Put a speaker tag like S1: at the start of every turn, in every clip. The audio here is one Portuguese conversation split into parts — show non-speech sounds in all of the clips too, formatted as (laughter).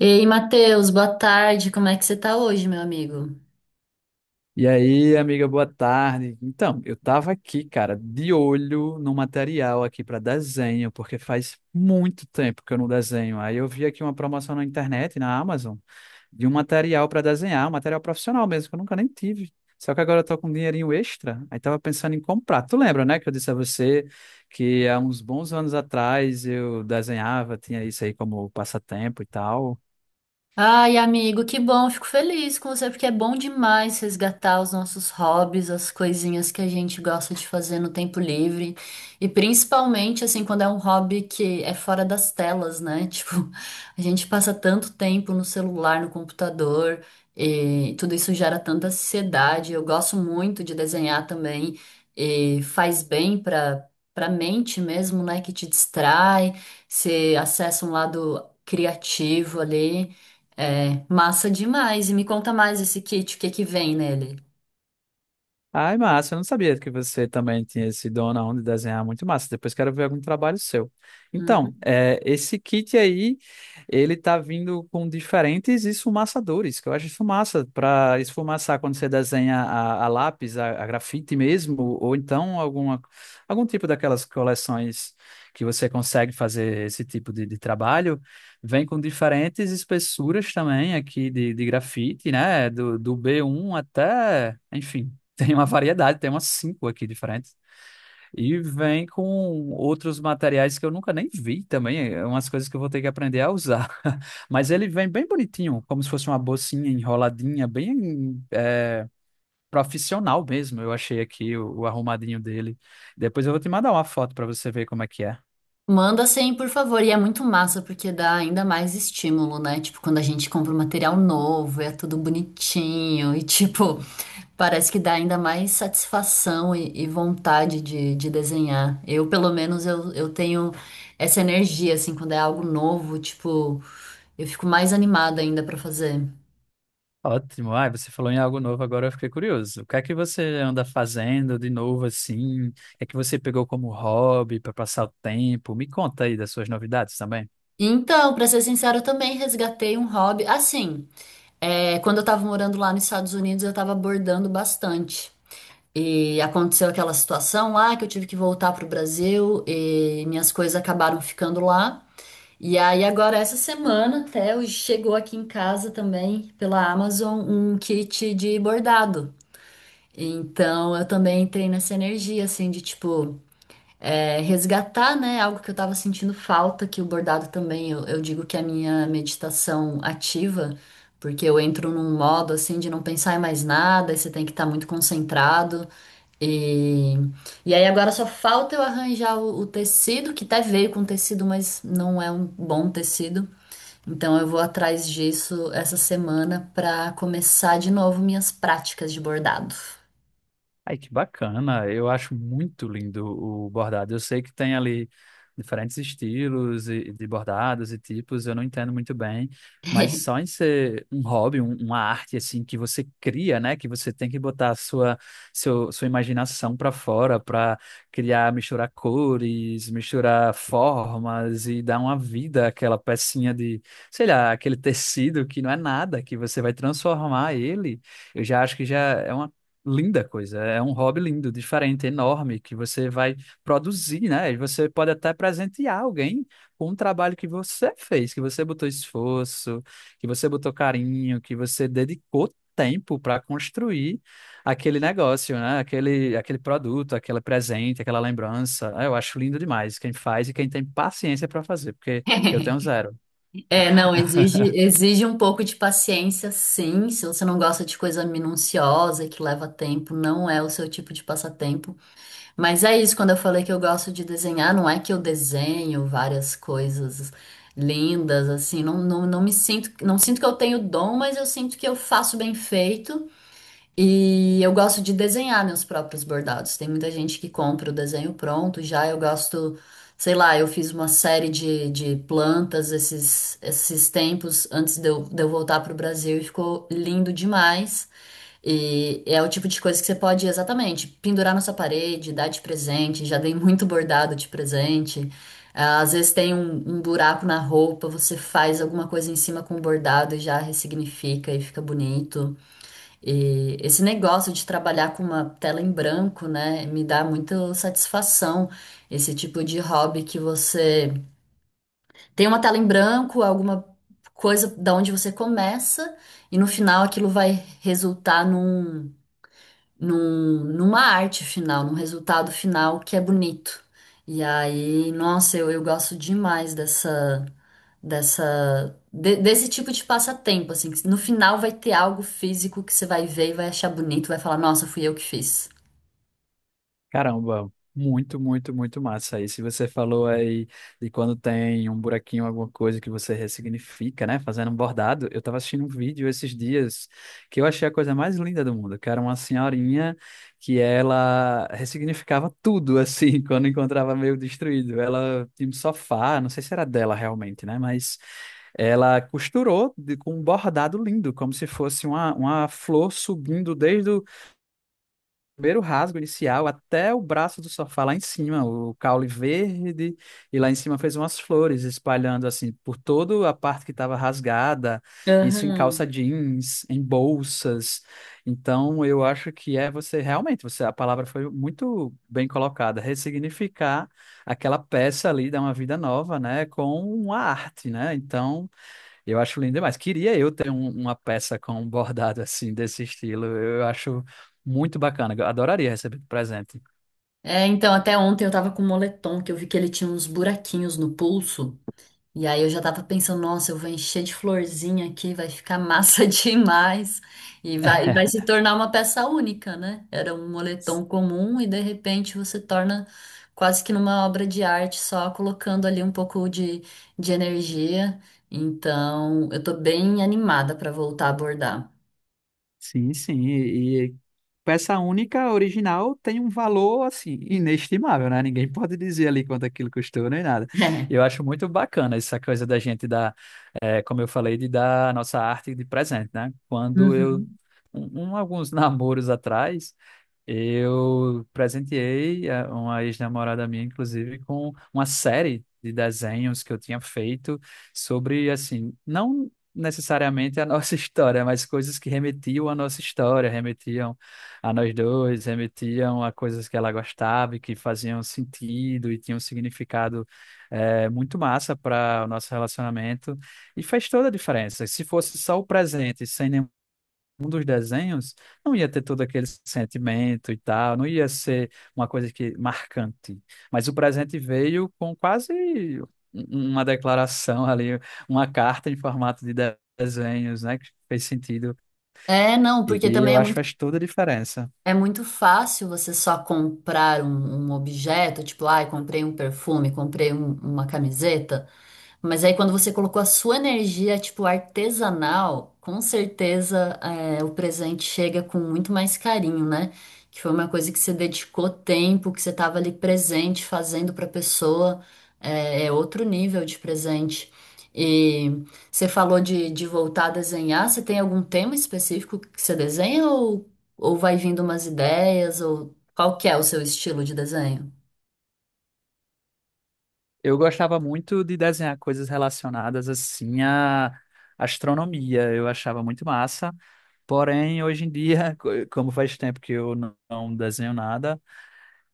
S1: E aí, Matheus, boa tarde. Como é que você tá hoje, meu amigo?
S2: E aí, amiga, boa tarde. Então, eu tava aqui, cara, de olho no material aqui para desenho, porque faz muito tempo que eu não desenho. Aí eu vi aqui uma promoção na internet, na Amazon, de um material para desenhar, um material profissional mesmo, que eu nunca nem tive. Só que agora eu tô com um dinheirinho extra, aí tava pensando em comprar. Tu lembra, né, que eu disse a você que há uns bons anos atrás eu desenhava, tinha isso aí como passatempo e tal.
S1: Ai, amigo, que bom, fico feliz com você, porque é bom demais resgatar os nossos hobbies, as coisinhas que a gente gosta de fazer no tempo livre. E principalmente, assim, quando é um hobby que é fora das telas, né? (laughs) Tipo, a gente passa tanto tempo no celular, no computador, e tudo isso gera tanta ansiedade. Eu gosto muito de desenhar também, e faz bem para para mente mesmo, né? Que te distrai, você acessa um lado criativo ali. É, massa demais. E me conta mais esse kit, o que que vem nele?
S2: Ai, massa, eu não sabia que você também tinha esse dom na onda de desenhar, muito massa. Depois quero ver algum trabalho seu.
S1: Uhum.
S2: Então, esse kit aí, ele tá vindo com diferentes esfumaçadores, que eu acho isso massa, para esfumaçar quando você desenha a lápis, a grafite mesmo, ou então alguma, algum tipo daquelas coleções que você consegue fazer esse tipo de trabalho. Vem com diferentes espessuras também aqui de grafite, né? Do B1 até, enfim. Tem uma variedade, tem umas cinco aqui diferentes. E vem com outros materiais que eu nunca nem vi também. É umas coisas que eu vou ter que aprender a usar. (laughs) Mas ele vem bem bonitinho, como se fosse uma bolsinha enroladinha, profissional mesmo. Eu achei aqui o arrumadinho dele. Depois eu vou te mandar uma foto para você ver como é que é.
S1: Manda sem, por favor. E é muito massa porque dá ainda mais estímulo, né? Tipo, quando a gente compra um material novo, é tudo bonitinho e tipo, (laughs) parece que dá ainda mais satisfação e vontade de desenhar. Eu, pelo menos, eu tenho essa energia, assim, quando é algo novo, tipo, eu fico mais animada ainda pra fazer.
S2: Ótimo. Ai, você falou em algo novo, agora eu fiquei curioso. O que é que você anda fazendo de novo assim? O que é que você pegou como hobby para passar o tempo? Me conta aí das suas novidades também.
S1: Então, pra ser sincero, eu também resgatei um hobby. Assim. É, quando eu estava morando lá nos Estados Unidos, eu estava bordando bastante. E aconteceu aquela situação lá que eu tive que voltar para o Brasil e minhas coisas acabaram ficando lá. E aí, agora, essa semana, até hoje, chegou aqui em casa também, pela Amazon, um kit de bordado. Então, eu também entrei nessa energia, assim, de tipo é, resgatar, né, algo que eu estava sentindo falta, que o bordado também, eu digo que é a minha meditação ativa, porque eu entro num modo assim de não pensar em mais nada, e você tem que estar muito concentrado. E, e aí agora só falta eu arranjar o tecido, que até veio com tecido, mas não é um bom tecido. Então eu vou atrás disso essa semana para começar de novo minhas práticas de bordado.
S2: Ai, que bacana. Eu acho muito lindo o bordado. Eu sei que tem ali diferentes estilos de bordados e tipos, eu não entendo muito bem, mas só em ser um hobby, uma arte assim que você cria, né, que você tem que botar a sua imaginação para fora para criar, misturar cores, misturar formas e dar uma vida àquela pecinha de, sei lá, aquele tecido que não é nada, que você vai transformar ele. Eu já acho que já é uma linda coisa. É um hobby lindo, diferente, enorme, que você vai produzir, né? E você pode até presentear alguém com um trabalho que você fez, que você botou esforço, que você botou carinho, que você dedicou tempo para construir aquele negócio, né? Aquele produto, aquele presente, aquela lembrança. Ah, eu acho lindo demais quem faz e quem tem paciência para fazer, porque eu tenho
S1: (laughs)
S2: zero.
S1: É, não, exige um pouco de paciência, sim. Se você não gosta de coisa minuciosa, e que leva tempo, não é o seu tipo de passatempo. Mas é isso, quando eu falei que eu gosto de desenhar, não é que eu desenho várias coisas lindas, assim, não, não, não me sinto, não sinto que eu tenho dom, mas eu sinto que eu faço bem feito. E eu gosto de desenhar meus próprios bordados. Tem muita gente que compra o desenho pronto, já eu gosto, sei lá, eu fiz uma série de plantas esses, esses tempos antes de eu voltar para o Brasil e ficou lindo demais. E é o tipo de coisa que você pode exatamente pendurar na sua parede, dar de presente. Já dei muito bordado de presente. Ah, às vezes tem um, um buraco na roupa, você faz alguma coisa em cima com o bordado e já ressignifica e fica bonito. E esse negócio de trabalhar com uma tela em branco, né, me dá muita satisfação. Esse tipo de hobby que você tem uma tela em branco, alguma coisa da onde você começa, e no final aquilo vai resultar numa arte final, num resultado final que é bonito. E aí, nossa, eu gosto demais desse tipo de passatempo, assim, que no final vai ter algo físico que você vai ver e vai achar bonito, vai falar, nossa, fui eu que fiz.
S2: Caramba, muito, muito, muito massa. Aí, se você falou aí de quando tem um buraquinho, alguma coisa que você ressignifica, né? Fazendo um bordado, eu tava assistindo um vídeo esses dias que eu achei a coisa mais linda do mundo, que era uma senhorinha que ela ressignificava tudo, assim, (laughs) quando encontrava meio destruído. Ela tinha um sofá, não sei se era dela realmente, né? Mas ela costurou com um bordado lindo, como se fosse uma flor subindo desde o primeiro rasgo inicial até o braço do sofá lá em cima, o caule verde, e lá em cima fez umas flores espalhando assim por toda a parte que estava rasgada, isso em
S1: Aham.
S2: calça jeans, em bolsas. Então eu acho que é você realmente, você a palavra foi muito bem colocada, ressignificar aquela peça ali, dar uma vida nova, né, com a arte, né? Então eu acho lindo demais. Queria eu ter uma peça com um bordado assim, desse estilo. Eu acho muito bacana. Eu adoraria receber de presente.
S1: É, então até ontem eu tava com um moletom que eu vi que ele tinha uns buraquinhos no pulso. E aí eu já tava pensando, nossa, eu vou encher de florzinha aqui, vai ficar massa (laughs) demais. E vai, vai se tornar uma peça única, né? Era um moletom comum e de repente você torna quase que numa obra de arte, só colocando ali um pouco de energia. Então, eu tô bem animada para voltar a abordar. (laughs)
S2: Sim, sim. E peça única original tem um valor assim inestimável, né? Ninguém (laughs) pode dizer ali quanto aquilo custou nem nada. E
S1: É.
S2: eu acho muito bacana essa coisa da gente dar, eh, como eu falei, de dar a nossa arte de presente, né? Quando eu
S1: Uhum.
S2: alguns (laughs) namoros atrás eu presenteei uma ex-namorada minha, inclusive, com uma série de desenhos que eu tinha feito sobre, assim, não necessariamente a nossa (laughs) história, mas coisas que remetiam à nossa história, remetiam a nós dois, remetiam a coisas que ela gostava e que faziam sentido e tinham um significado muito massa para o nosso relacionamento. E faz toda a diferença. Se fosse só o presente, sem nenhum um dos desenhos, não ia ter todo aquele sentimento e tal, não ia ser uma coisa que marcante. Mas o presente veio com quase um- um, uma declaração ali, uma carta em formato desenhos, né, que fez sentido.
S1: É, não, porque
S2: E
S1: também
S2: eu acho que faz toda a diferença.
S1: é muito fácil você só comprar um, um objeto, tipo, ai, comprei um perfume, comprei um- uma camiseta. Mas aí quando você colocou a sua energia, tipo, artesanal, com certeza é, o presente chega com muito mais carinho, né? Que foi uma coisa que você dedicou tempo, que você estava ali presente, fazendo para a pessoa, é, é outro nível de presente. E você falou de voltar a desenhar, você tem algum tema específico que você desenha ou vai vindo umas ideias, ou qual que é o seu estilo de desenho?
S2: Eu gostava muito de desenhar coisas relacionadas assim à astronomia, eu achava muito massa. Porém, hoje em dia, (laughs) como faz tempo que eu não desenho nada,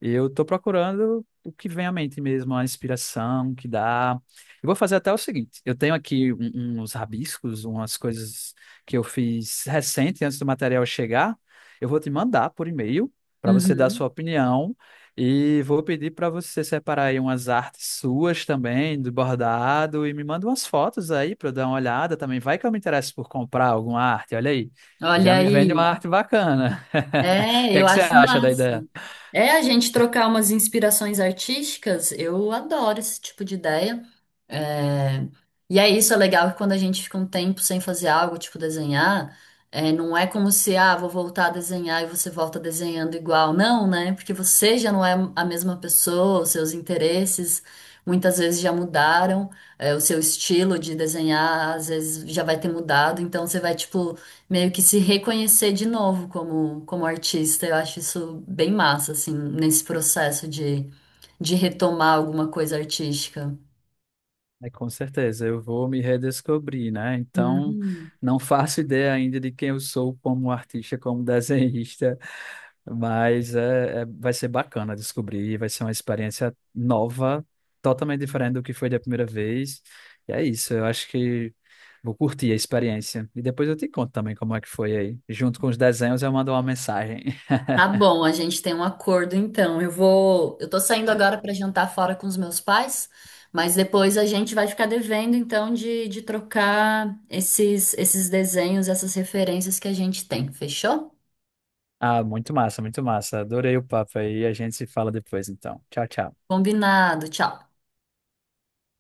S2: e eu tô procurando o que vem à mente mesmo, a inspiração que dá. Eu vou fazer até o seguinte: eu tenho aqui uns rabiscos, umas coisas que eu fiz recente, antes do material chegar. Eu vou te mandar por e-mail para você dar a sua
S1: Uhum.
S2: opinião e vou pedir para você separar aí umas artes suas também, do bordado, e me manda umas fotos aí para eu dar uma olhada também. Vai que eu me interesso por comprar alguma arte, olha aí. Já
S1: Olha
S2: me vende uma
S1: aí,
S2: arte bacana. (laughs) O
S1: é,
S2: que é
S1: eu
S2: que você
S1: acho
S2: acha da
S1: massa.
S2: ideia?
S1: É a gente trocar umas inspirações artísticas, eu adoro esse tipo de ideia. É, e é isso, é legal que quando a gente fica um tempo sem fazer algo, tipo desenhar, é, não é como se, ah, vou voltar a desenhar e você volta desenhando igual. Não, né? Porque você já não é a mesma pessoa, os seus interesses muitas vezes já mudaram, é, o seu estilo de desenhar às vezes já vai ter mudado, então você vai, tipo meio que se reconhecer de novo como, como artista. Eu acho isso bem massa, assim, nesse processo de retomar alguma coisa artística.
S2: É, com certeza, eu vou me redescobrir, né? Então,
S1: Uhum.
S2: não faço ideia ainda de quem eu sou como artista, como (laughs) desenhista, mas vai ser bacana descobrir, vai ser uma experiência nova, totalmente diferente do que foi da primeira vez. E é isso, eu acho que vou curtir a experiência. E depois eu te conto também como é que foi aí. Junto com os desenhos, eu mando uma mensagem. (laughs)
S1: Tá bom, a gente tem um acordo então. Eu vou, eu tô saindo agora para jantar fora com os meus pais, mas depois a gente vai ficar devendo então de trocar esses desenhos, essas referências que a gente tem. Fechou?
S2: Ah, muito massa, muito massa. Adorei o papo aí. A gente se fala depois, então. Tchau, tchau.
S1: Combinado. Tchau.